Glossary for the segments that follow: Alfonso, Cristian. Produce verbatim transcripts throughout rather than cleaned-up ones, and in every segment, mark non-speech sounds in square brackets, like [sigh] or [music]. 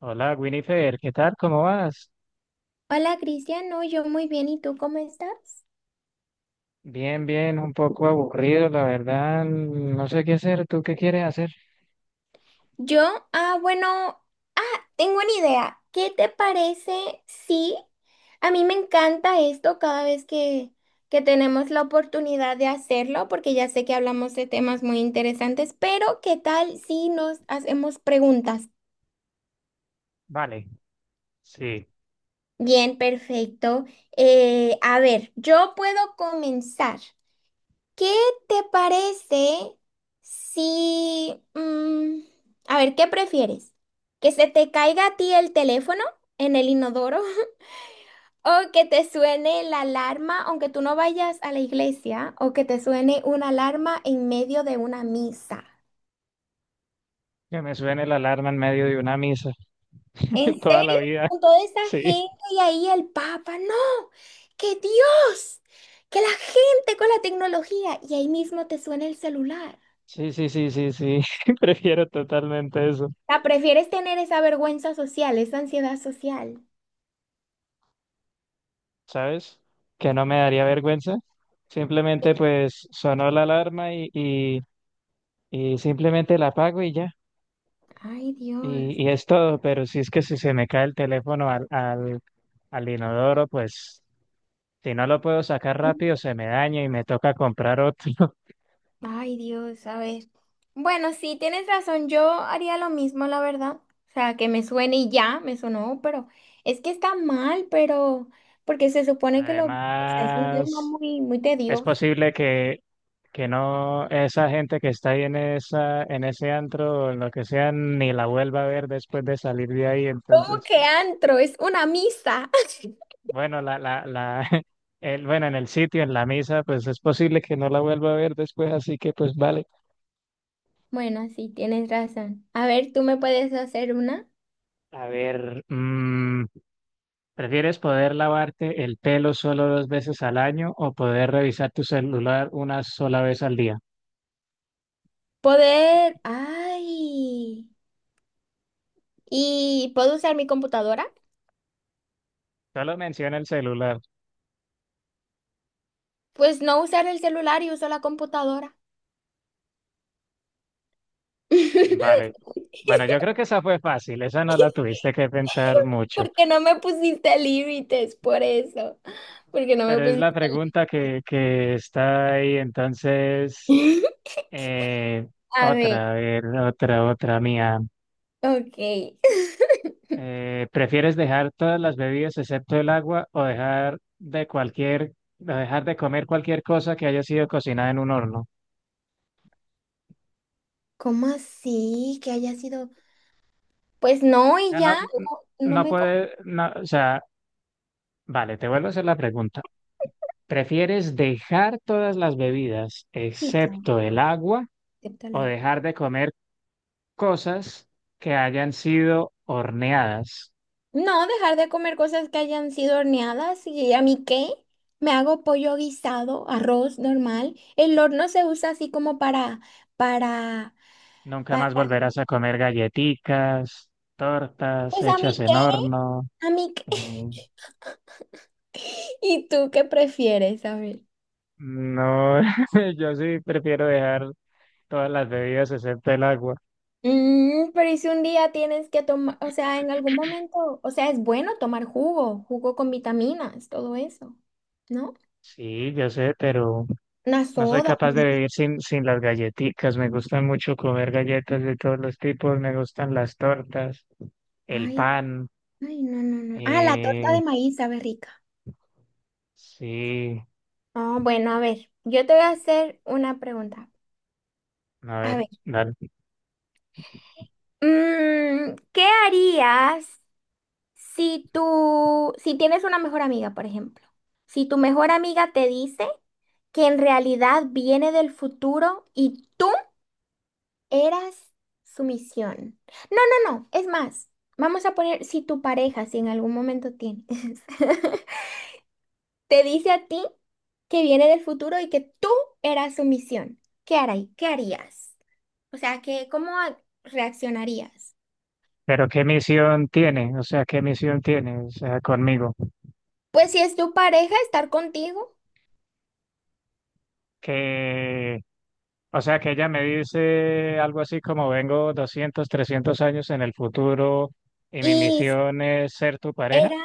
Hola, Winifred, ¿qué tal? ¿Cómo vas? Hola, Cristian, no, yo muy bien, ¿y tú cómo estás? Bien, bien, un poco aburrido, la verdad, no sé qué hacer. ¿Tú qué quieres hacer? Yo, ah, bueno, ah, tengo una idea. ¿Qué te parece si a mí me encanta esto cada vez que, que tenemos la oportunidad de hacerlo, porque ya sé que hablamos de temas muy interesantes, pero ¿qué tal si nos hacemos preguntas? Vale, sí, Bien, perfecto. Eh, a ver, yo puedo comenzar. ¿Qué te parece si mm, a ver, ¿qué prefieres? ¿Que se te caiga a ti el teléfono en el inodoro? [laughs] ¿O que te suene la alarma aunque tú no vayas a la iglesia? ¿O que te suene una alarma en medio de una misa? que me suene la alarma en medio de una misa ¿En [laughs] toda la serio? vida. Con toda esa Sí, gente y ahí el Papa. No, que Dios, que la gente con la tecnología y ahí mismo te suena el celular. sí, sí, sí, sí, sí, [laughs] prefiero totalmente eso, Sea, prefieres tener esa vergüenza social, esa ansiedad social. ¿sabes? Que no me daría vergüenza. Simplemente pues sonó la alarma y, y, y simplemente la apago y ya. Ay, Dios. Y, y es todo, pero si es que si se me cae el teléfono al, al, al inodoro, pues si no lo puedo sacar rápido, se me daña y me toca comprar otro. [laughs] Ay, Dios, a ver. Bueno, sí, tienes razón, yo haría lo mismo, la verdad. O sea, que me suene y ya, me sonó, pero es que está mal, pero porque se supone que lo, o sea, es un tema Además, muy, muy es tedioso. posible que, que no esa gente que está ahí en esa, en ese antro o en lo que sea, ni la vuelva a ver después de salir de ahí. ¿Cómo Entonces, que pues, antro? Es una misa. [laughs] bueno, la, la, la, [laughs] el, bueno, en el sitio, en la misa, pues es posible que no la vuelva a ver después, así que pues vale. Bueno, sí, tienes razón. A ver, tú me puedes hacer una. A ver, mm, ¿prefieres poder lavarte el pelo solo dos veces al año o poder revisar tu celular una sola vez al día? Poder, ay, ¿y puedo usar mi computadora? Solo menciona el celular. Pues no usar el celular y uso la computadora. Vale. [laughs] Bueno, yo creo que esa fue fácil, esa no la tuviste que pensar mucho, Porque no me pusiste límites, por eso. Porque no me pero es pusiste. la pregunta que, que está ahí. Entonces, límites. eh, [laughs] A ver, otra, a ver, otra, otra mía. ok. Eh, ¿prefieres dejar todas las bebidas excepto el agua o dejar de cualquier, o dejar de comer cualquier cosa que haya sido cocinada en un horno? ¿Cómo así? Que haya sido. Pues no, y Ya no, ya no, no no me puede, no, o sea, vale, te vuelvo a hacer la pregunta. ¿Prefieres dejar todas las bebidas complican. excepto el agua o Acéptala. dejar de comer cosas que hayan sido horneadas? No, dejar de comer cosas que hayan sido horneadas. ¿Y a mí qué? Me hago pollo guisado, arroz normal. El horno se usa así como para, para, Nunca para. más volverás a comer galletitas, tortas Pues a hechas mí qué. en horno. A mí, qué- eh, [laughs] ¿Y tú qué prefieres? A ver. no, [laughs] yo sí prefiero dejar todas las bebidas excepto el agua. Mm, pero ¿y si un día tienes que tomar, o sea, en algún momento, o sea, es bueno tomar jugo, jugo con vitaminas, todo eso, ¿no? Sí, yo sé, pero Una no soy soda. Un capaz de líquido. vivir sin, sin las galletitas. Me gusta mucho comer galletas de todos los tipos, me gustan las tortas, el Ay, pan. ay, no, no, no. Ah, la torta Eh, de maíz sabe rica. sí, Ah, bueno, a ver, yo te voy a hacer una pregunta. a A ver, ver, dale. mm, ¿qué harías si tú, si tienes una mejor amiga, por ejemplo? Si tu mejor amiga te dice que en realidad viene del futuro y tú eras su misión. No, no, no, es más, vamos a poner si tu pareja, si en algún momento tienes, [laughs] te dice a ti que viene del futuro y que tú eras su misión. ¿Qué harí- ¿Qué harías? O sea, que, ¿cómo a- ¿reaccionarías? Pero ¿qué misión tiene? O sea, ¿qué misión tiene? O sea, conmigo. Pues si es tu pareja, estar contigo. Que, o sea, que ella me dice algo así como vengo doscientos, trescientos años en el futuro y mi y misión es ser tu pareja. Era,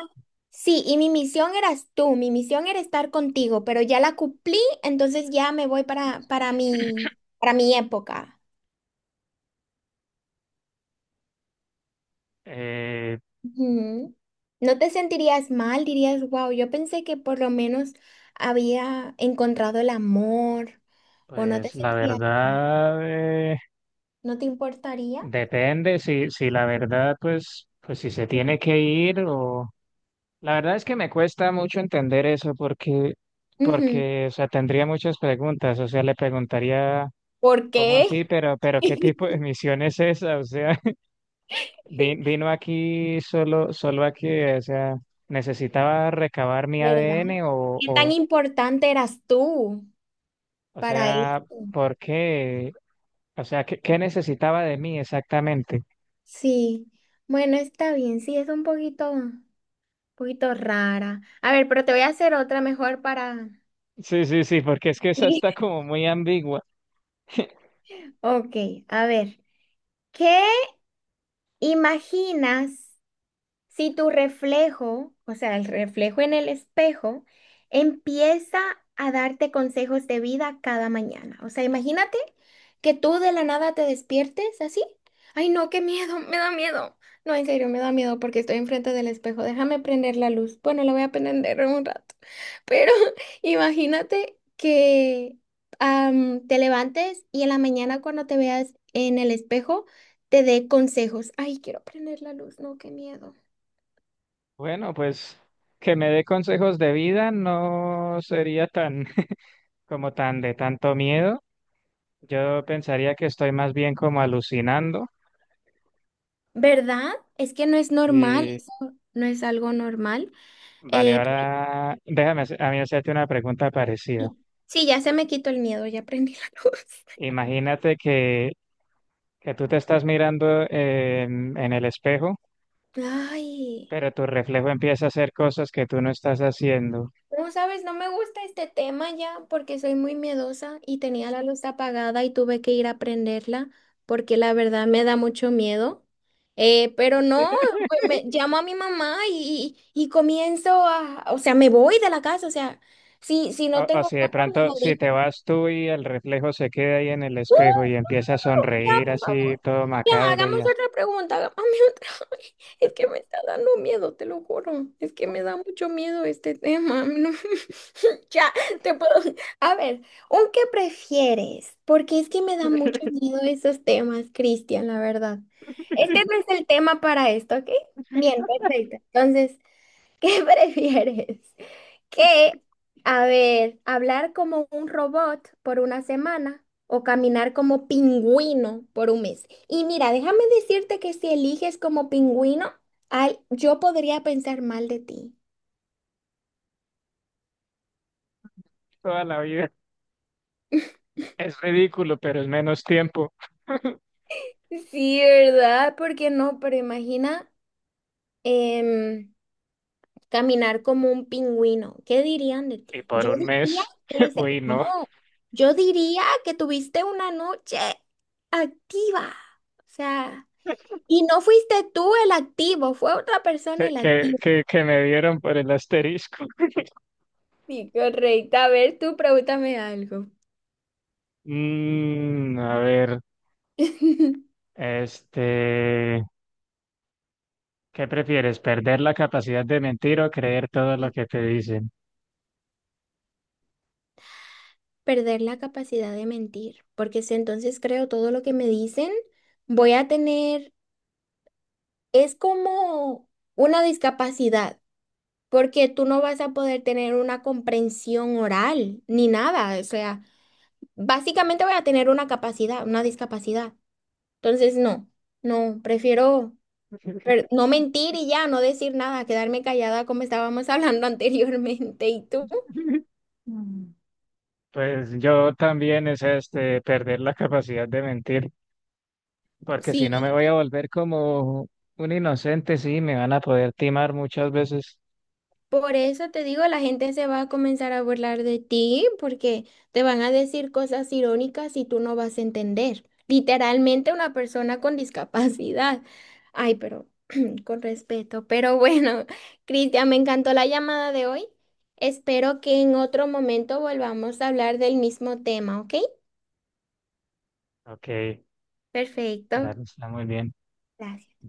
sí, y mi misión eras tú, mi misión era estar contigo, pero ya la cumplí, entonces ya me voy para, para mi, para mi época. Eh, Ujú. No te sentirías mal, dirías, wow, yo pensé que por lo menos había encontrado el amor, o no te pues la sentirías, verdad, eh, no te importaría. depende si, si la verdad, pues, pues si se tiene que ir o... La verdad es que me cuesta mucho entender eso porque, Ujú. porque, o sea, tendría muchas preguntas, o sea, le preguntaría, ¿Por ¿cómo así? qué? Pero, pero, ¿qué tipo [laughs] de misión es esa? O sea, [laughs] vi- vino aquí solo, solo aquí, o sea, ¿necesitaba recabar mi ¿Verdad? A D N o, ¿Qué tan o, importante eras tú o para sea, esto? ¿por qué? O sea, ¿qué, qué necesitaba de mí exactamente? Sí, bueno, está bien, sí, es un poquito. poquito rara. A ver, pero te voy a hacer otra mejor para... [laughs] Sí, sí, sí, porque es que esa está Sí. como muy ambigua. [laughs] Ok, a ver. ¿Qué imaginas? Si tu reflejo, o sea, el reflejo en el espejo, empieza a darte consejos de vida cada mañana. O sea, imagínate que tú de la nada te despiertes así. Ay, no, qué miedo, me da miedo. No, en serio, me da miedo porque estoy enfrente del espejo. Déjame prender la luz. Bueno, la voy a prender en un rato. Pero [laughs] imagínate que am, te levantes y en la mañana cuando te veas en el espejo, te dé consejos. Ay, quiero prender la luz. No, qué miedo. Bueno, pues que me dé consejos de vida no sería tan... como tan de tanto miedo. Yo pensaría que estoy más bien como alucinando. ¿Verdad? Es que no es normal, Y eso no es algo normal. vale, Eh, ahora déjame hacer- a mí hacerte una pregunta parecida. sí, sí, ya se me quitó el miedo, ya prendí la luz. Imagínate que, que tú te estás mirando en, en el espejo, [laughs] Ay, pero tu reflejo empieza a hacer cosas que tú no estás haciendo. como sabes, no me gusta este tema ya porque soy muy miedosa y tenía la luz apagada y tuve que ir a prenderla porque la verdad me da mucho miedo. Eh, pero no, pues, me, llamo a mi mamá y, y- y comienzo a, o sea, me voy de la casa, o sea, si, si O, no o tengo si de cosas, pronto, me si jodí. te vas tú y el reflejo se queda ahí en el espejo y empieza a Ya, sonreír por así favor. todo Ya, macabro y hagamos ya. otra pregunta, hagamos otra. [laughs] Es que me está dando miedo, te lo juro. Es que me da mucho miedo este tema. No. [laughs] Ya, te puedo. A ver, ¿un qué prefieres? Porque es que me da mucho miedo esos temas, Cristian, la verdad. Este no es el tema para esto, ¿ok? Bien, perfecto. Entonces, ¿qué [laughs] prefieres? ¿Que, a ver, hablar como un robot por una semana o caminar como pingüino por un mes? Y mira, déjame decirte que si eliges como pingüino, ay, yo podría pensar mal de ti. Toda la vida es ridículo, pero es menos tiempo. Sí, ¿verdad? ¿Por qué no? Pero imagina em, caminar como un pingüino. ¿Qué dirían de Y ti? por Yo un diría mes, que, [laughs] se- uy, no, no, yo diría que tuviste una noche activa. O sea... Y no fuiste tú el activo, fue otra persona que, el que, activo. que, que me dieron por el asterisco. [laughs] Sí, correcto. A ver, tú pregúntame algo. Mm, a ver, [laughs] este, ¿qué prefieres? ¿Perder la capacidad de mentir o creer todo Y lo que te dicen? Perder la capacidad de mentir, porque si entonces creo todo lo que me dicen, voy a tener, es como una discapacidad, porque tú no vas a poder tener una comprensión oral ni nada, o sea, básicamente voy a tener una capacidad, una discapacidad. Entonces, no, no, prefiero. [laughs] Pero no mentir y ya, no decir nada, quedarme callada como estábamos hablando [laughs] anteriormente. ¿Y tú? Mm. Pues yo también es este, perder la capacidad de mentir, porque si Sí, no me voy a volver como un inocente, sí, me van a poder timar muchas veces. por eso te digo, la gente se va a comenzar a burlar de ti porque te van a decir cosas irónicas y tú no vas a entender. Literalmente una persona con discapacidad. Ay, pero [clears throat] con respeto. Pero bueno, [laughs] Cristian, me encantó la llamada de hoy. Espero que en otro momento volvamos a hablar del mismo tema, ¿ok? Ok, Perfecto. claro, está muy bien. Gracias.